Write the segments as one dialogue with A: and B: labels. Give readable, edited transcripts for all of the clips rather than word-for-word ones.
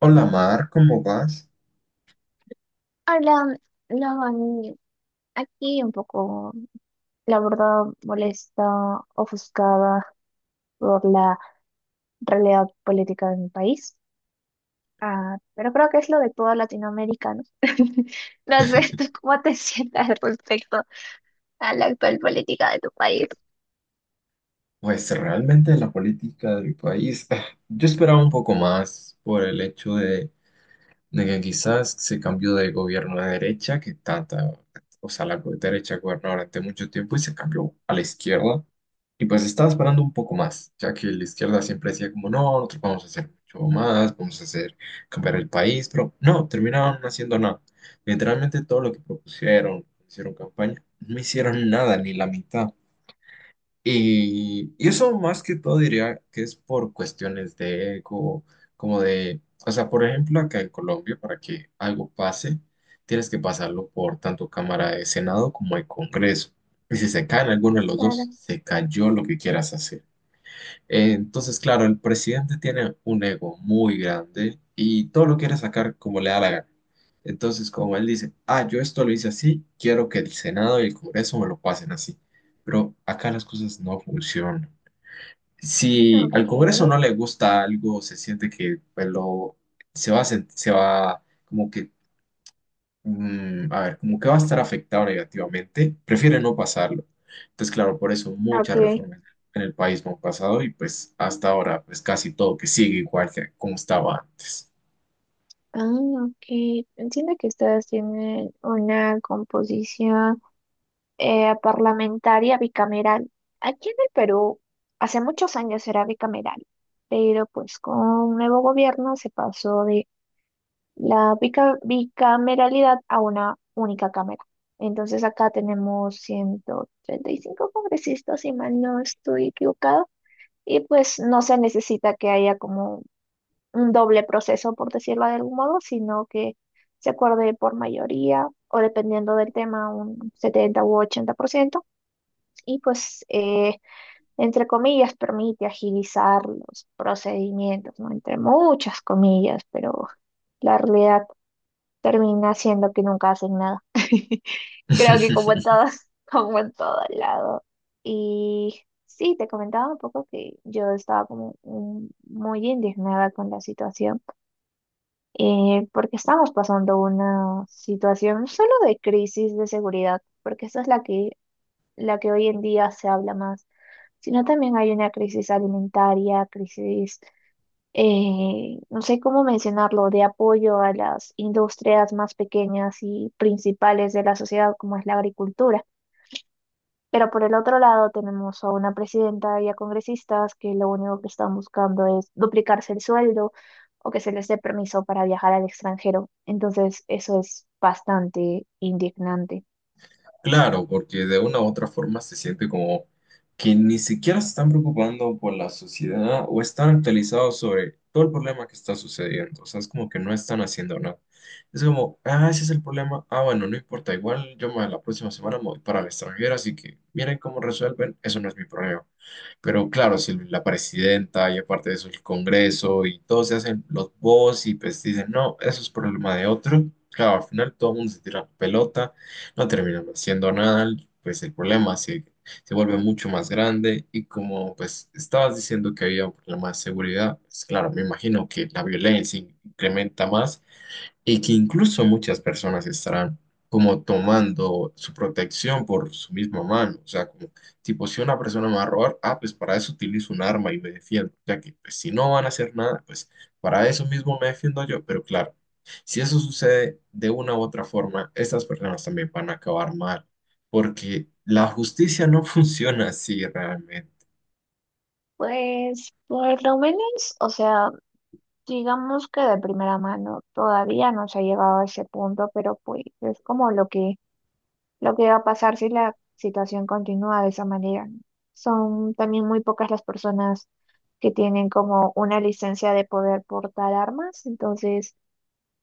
A: Hola Mar, ¿cómo vas?
B: Hablan, hablan aquí un poco, la verdad, molesta, ofuscada por la realidad política de mi país. Ah, pero creo que es lo de toda Latinoamérica, ¿no? No sé tú cómo te sientas respecto a la actual política de tu país.
A: Pues realmente la política de mi país, yo esperaba un poco más por el hecho de que quizás se cambió de gobierno de derecha, que tanta, o sea, la derecha gobernó durante mucho tiempo y se cambió a la izquierda. Y pues estaba esperando un poco más, ya que la izquierda siempre decía como, no, nosotros vamos a hacer mucho más, vamos a hacer cambiar el país, pero no, terminaron no haciendo nada. Literalmente todo lo que propusieron, hicieron campaña, no hicieron nada, ni la mitad. Y eso más que todo diría que es por cuestiones de ego, como de, o sea, por ejemplo, acá en Colombia, para que algo pase, tienes que pasarlo por tanto Cámara de Senado como el Congreso. Y si se caen alguno de los dos,
B: Claro.
A: se cayó lo que quieras hacer. Entonces, claro, el presidente tiene un ego muy grande y todo lo quiere sacar como le da la gana. Entonces, como él dice, yo esto lo hice así, quiero que el Senado y el Congreso me lo pasen así. Pero acá las cosas no funcionan. Si al
B: Ok,
A: Congreso no le gusta algo, se siente que pues, lo, se va, se va como que a ver, como que va a estar afectado negativamente, prefiere no pasarlo. Entonces, claro, por eso muchas
B: ok.
A: reformas en el país no han pasado y pues hasta ahora, pues casi todo que sigue igual que como estaba antes.
B: Ah, ok. Entiendo que ustedes tienen una composición, parlamentaria bicameral. Aquí en el Perú hace muchos años era bicameral, pero pues con un nuevo gobierno se pasó de la bicameralidad a una única cámara. Entonces acá tenemos 135 congresistas, si mal no estoy equivocado, y pues no se necesita que haya como un doble proceso, por decirlo de algún modo, sino que se acuerde por mayoría o dependiendo del tema, un 70 u 80% y pues, entre comillas, permite agilizar los procedimientos, ¿no? Entre muchas comillas, pero la realidad termina siendo que nunca hacen nada. Creo que como en todas, como en todo lado. Y sí, te comentaba un poco que yo estaba como muy indignada con la situación, porque estamos pasando una situación no solo de crisis de seguridad, porque esa es la que hoy en día se habla más, sino también hay una crisis alimentaria, crisis, no sé cómo mencionarlo, de apoyo a las industrias más pequeñas y principales de la sociedad, como es la agricultura. Pero por el otro lado tenemos a una presidenta y a congresistas que lo único que están buscando es duplicarse el sueldo o que se les dé permiso para viajar al extranjero. Entonces, eso es bastante indignante.
A: Claro, porque de una u otra forma se siente como que ni siquiera se están preocupando por la sociedad o están actualizados sobre todo el problema que está sucediendo. O sea, es como que no están haciendo nada. Es como, ah, ese es el problema. Ah, bueno, no importa. Igual yo la próxima semana me voy para el extranjero, así que miren cómo resuelven. Eso no es mi problema. Pero claro, si la presidenta y aparte de eso el Congreso y todos se hacen los voz y pues dicen, no, eso es problema de otro. Claro, al final todo el mundo se tira la pelota, no terminan haciendo nada, pues el problema se vuelve mucho más grande y como pues estabas diciendo que había un problema de seguridad, pues claro, me imagino que la violencia incrementa más y que incluso muchas personas estarán como tomando su protección por su misma mano. O sea, como tipo, si una persona me va a robar, ah, pues para eso utilizo un arma y me defiendo. Ya que pues, si no van a hacer nada, pues para eso mismo me defiendo yo. Pero claro, si eso sucede de una u otra forma, estas personas también van a acabar mal, porque la justicia no funciona así realmente.
B: Pues por lo menos, o sea, digamos que de primera mano todavía no se ha llegado a ese punto, pero pues es como lo que va a pasar si la situación continúa de esa manera, ¿no? Son también muy pocas las personas que tienen como una licencia de poder portar armas, entonces,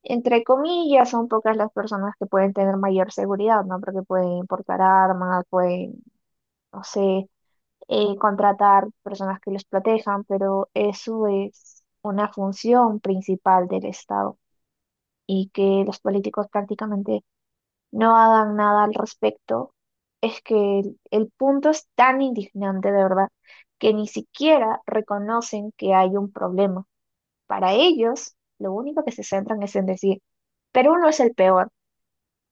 B: entre comillas, son pocas las personas que pueden tener mayor seguridad, ¿no? Porque pueden portar armas, pueden, no sé, contratar personas que los protejan, pero eso es una función principal del Estado y que los políticos prácticamente no hagan nada al respecto. Es que el punto es tan indignante, de verdad, que ni siquiera reconocen que hay un problema. Para ellos, lo único que se centran es en decir, Perú no es el peor.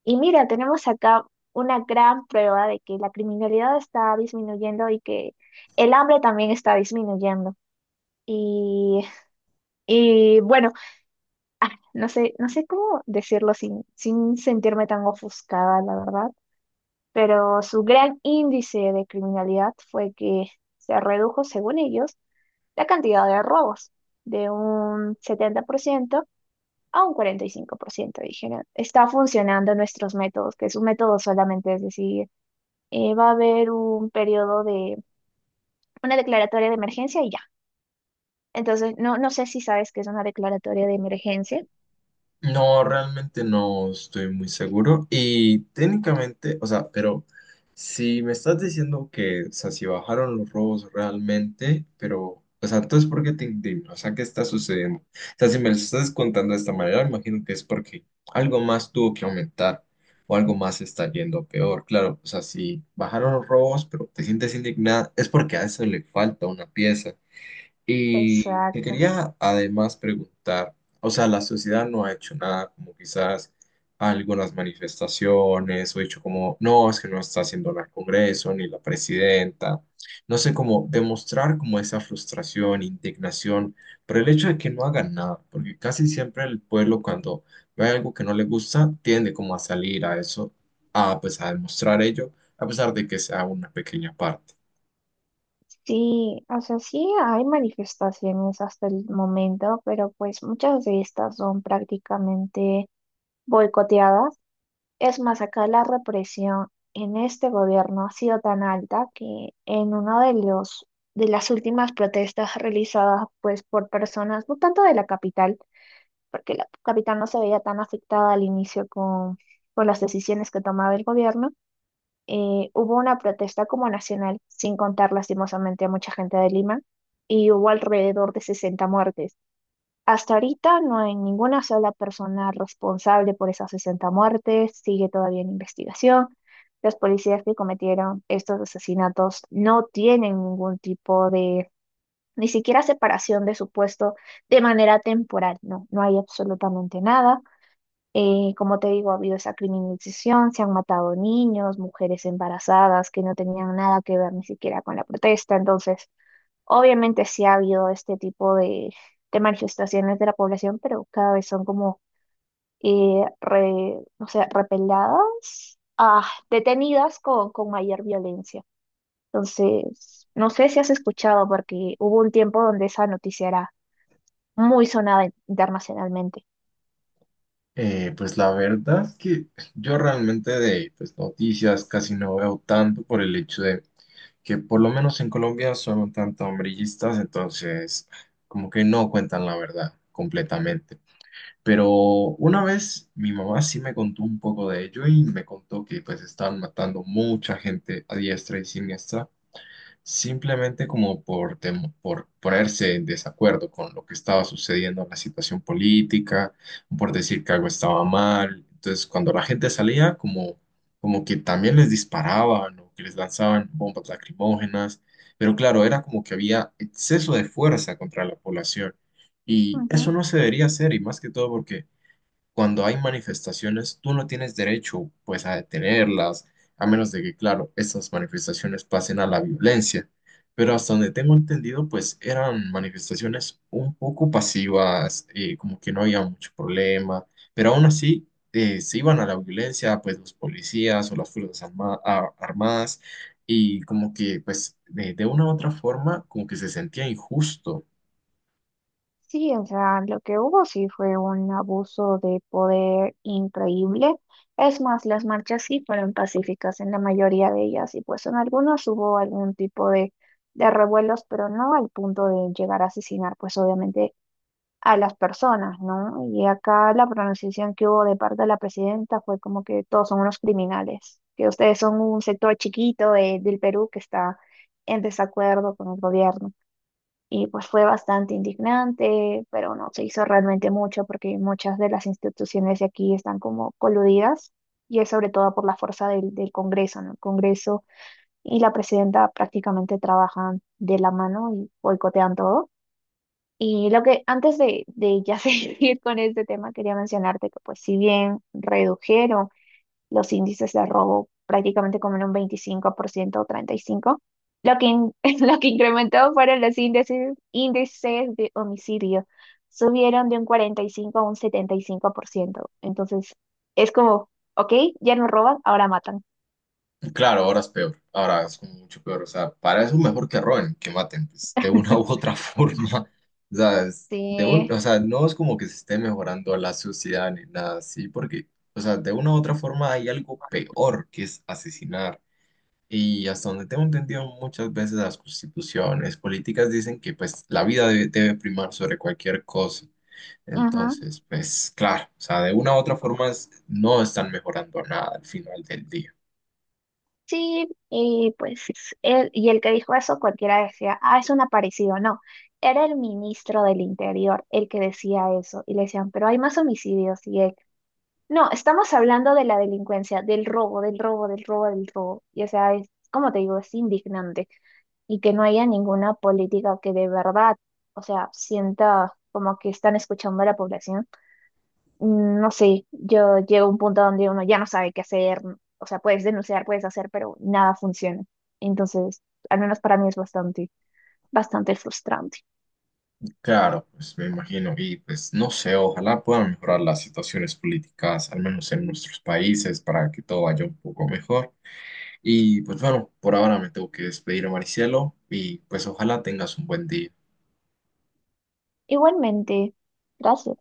B: Y mira, tenemos acá una gran prueba de que la criminalidad está disminuyendo y que el hambre también está disminuyendo. Y, y bueno, ah, no sé, cómo decirlo sin sentirme tan ofuscada, la verdad, pero su gran índice de criminalidad fue que se redujo, según ellos, la cantidad de robos de un 70% a un 45%, dijeron. Está funcionando nuestros métodos, que su método solamente es decir, va a haber un periodo de una declaratoria de emergencia y ya. Entonces, no, no sé si sabes que es una declaratoria de emergencia.
A: No, realmente no estoy muy seguro. Y técnicamente, o sea, pero si me estás diciendo que, o sea, si bajaron los robos realmente, pero, o sea, entonces, ¿por qué te indignas? O sea, ¿qué está sucediendo? O sea, si me lo estás contando de esta manera, imagino que es porque algo más tuvo que aumentar o algo más está yendo peor. Claro, o sea, si bajaron los robos, pero te sientes indignada, es porque a eso le falta una pieza. Y te
B: Exacto.
A: quería además preguntar, o sea, la sociedad no ha hecho nada, como quizás algunas manifestaciones, o hecho como, no, es que no está haciendo nada el Congreso, ni la presidenta, no sé cómo demostrar como esa frustración, indignación, pero el hecho de que no hagan nada, porque casi siempre el pueblo cuando ve algo que no le gusta, tiende como a salir a eso, a pues a demostrar ello, a pesar de que sea una pequeña parte.
B: Sí, o sea, sí hay manifestaciones hasta el momento, pero pues muchas de estas son prácticamente boicoteadas. Es más, acá la represión en este gobierno ha sido tan alta que en uno de los, de las últimas protestas realizadas pues por personas, no tanto de la capital, porque la capital no se veía tan afectada al inicio con las decisiones que tomaba el gobierno, hubo una protesta como nacional, sin contar lastimosamente a mucha gente de Lima, y hubo alrededor de 60 muertes. Hasta ahorita no hay ninguna sola persona responsable por esas 60 muertes, sigue todavía en investigación. Los policías que cometieron estos asesinatos no tienen ningún tipo de, ni siquiera separación de su puesto de manera temporal, no, no hay absolutamente nada. Como te digo, ha habido esa criminalización, se han matado niños, mujeres embarazadas que no tenían nada que ver ni siquiera con la protesta. Entonces, obviamente sí ha habido este tipo de manifestaciones de la población, pero cada vez son como, no sé, repeladas, ah, detenidas con mayor violencia. Entonces, no sé si has escuchado, porque hubo un tiempo donde esa noticia era muy sonada internacionalmente.
A: Pues la verdad es que yo realmente de pues, noticias casi no veo tanto por el hecho de que por lo menos en Colombia son un tanto hombrillistas, entonces como que no cuentan la verdad completamente. Pero una vez mi mamá sí me contó un poco de ello y me contó que pues estaban matando mucha gente a diestra y siniestra simplemente como por, por ponerse en desacuerdo con lo que estaba sucediendo en la situación política, por decir que algo estaba mal. Entonces, cuando la gente salía, como, como que también les disparaban o que les lanzaban bombas lacrimógenas, pero claro, era como que había exceso de fuerza contra la población. Y eso no se debería hacer, y más que todo porque cuando hay manifestaciones, tú no tienes derecho, pues, a detenerlas, a menos de que, claro, estas manifestaciones pasen a la violencia. Pero hasta donde tengo entendido, pues, eran manifestaciones un poco pasivas, como que no había mucho problema, pero aún así se iban a la violencia, pues, los policías o las fuerzas armadas, y como que, pues, de una u otra forma, como que se sentía injusto.
B: Sí, o sea, lo que hubo sí fue un abuso de poder increíble. Es más, las marchas sí fueron pacíficas en la mayoría de ellas y pues en algunas hubo algún tipo de revuelos, pero no al punto de llegar a asesinar pues obviamente a las personas, ¿no? Y acá la pronunciación que hubo de parte de la presidenta fue como que todos son unos criminales, que ustedes son un sector chiquito del Perú que está en desacuerdo con el gobierno. Y pues fue bastante indignante, pero no se hizo realmente mucho porque muchas de las instituciones de aquí están como coludidas, y es sobre todo por la fuerza del Congreso, ¿no? El Congreso y la presidenta prácticamente trabajan de la mano y boicotean todo. Y lo que antes de ya seguir con este tema, quería mencionarte que pues si bien redujeron los índices de robo prácticamente como en un 25% o 35%. Lo que, in- lo que incrementó fueron los índices, índices de homicidio. Subieron de un 45 a un 75%. Entonces, es como, ok, ya no roban, ahora matan.
A: Claro, ahora es peor, ahora es como mucho peor, o sea, para eso mejor que roben, que maten, pues, de una u otra forma, o sea, es de un,
B: Sí,
A: o sea, no es como que se esté mejorando la sociedad ni nada así, porque, o sea, de una u otra forma hay algo peor que es asesinar, y hasta donde tengo entendido muchas veces las constituciones políticas dicen que, pues, la vida debe primar sobre cualquier cosa,
B: ajá.
A: entonces, pues, claro, o sea, de una u otra forma no están mejorando nada al final del día.
B: Sí, y pues y el que dijo eso, cualquiera decía, ah, es un aparecido. No, era el ministro del Interior el que decía eso. Y le decían, pero hay más homicidios. Y él, no, estamos hablando de la delincuencia, del robo, del robo, del robo, del robo. Y o sea, es, como te digo, es indignante. Y que no haya ninguna política que de verdad, o sea, sienta como que están escuchando a la población. No sé, yo llego a un punto donde uno ya no sabe qué hacer. O sea, puedes denunciar, puedes hacer, pero nada funciona. Entonces, al menos para mí es bastante, bastante frustrante.
A: Claro, pues me imagino, y pues no sé, ojalá puedan mejorar las situaciones políticas, al menos en nuestros países, para que todo vaya un poco mejor. Y pues bueno, por ahora me tengo que despedir, Maricielo, y pues ojalá tengas un buen día.
B: Igualmente, gracias.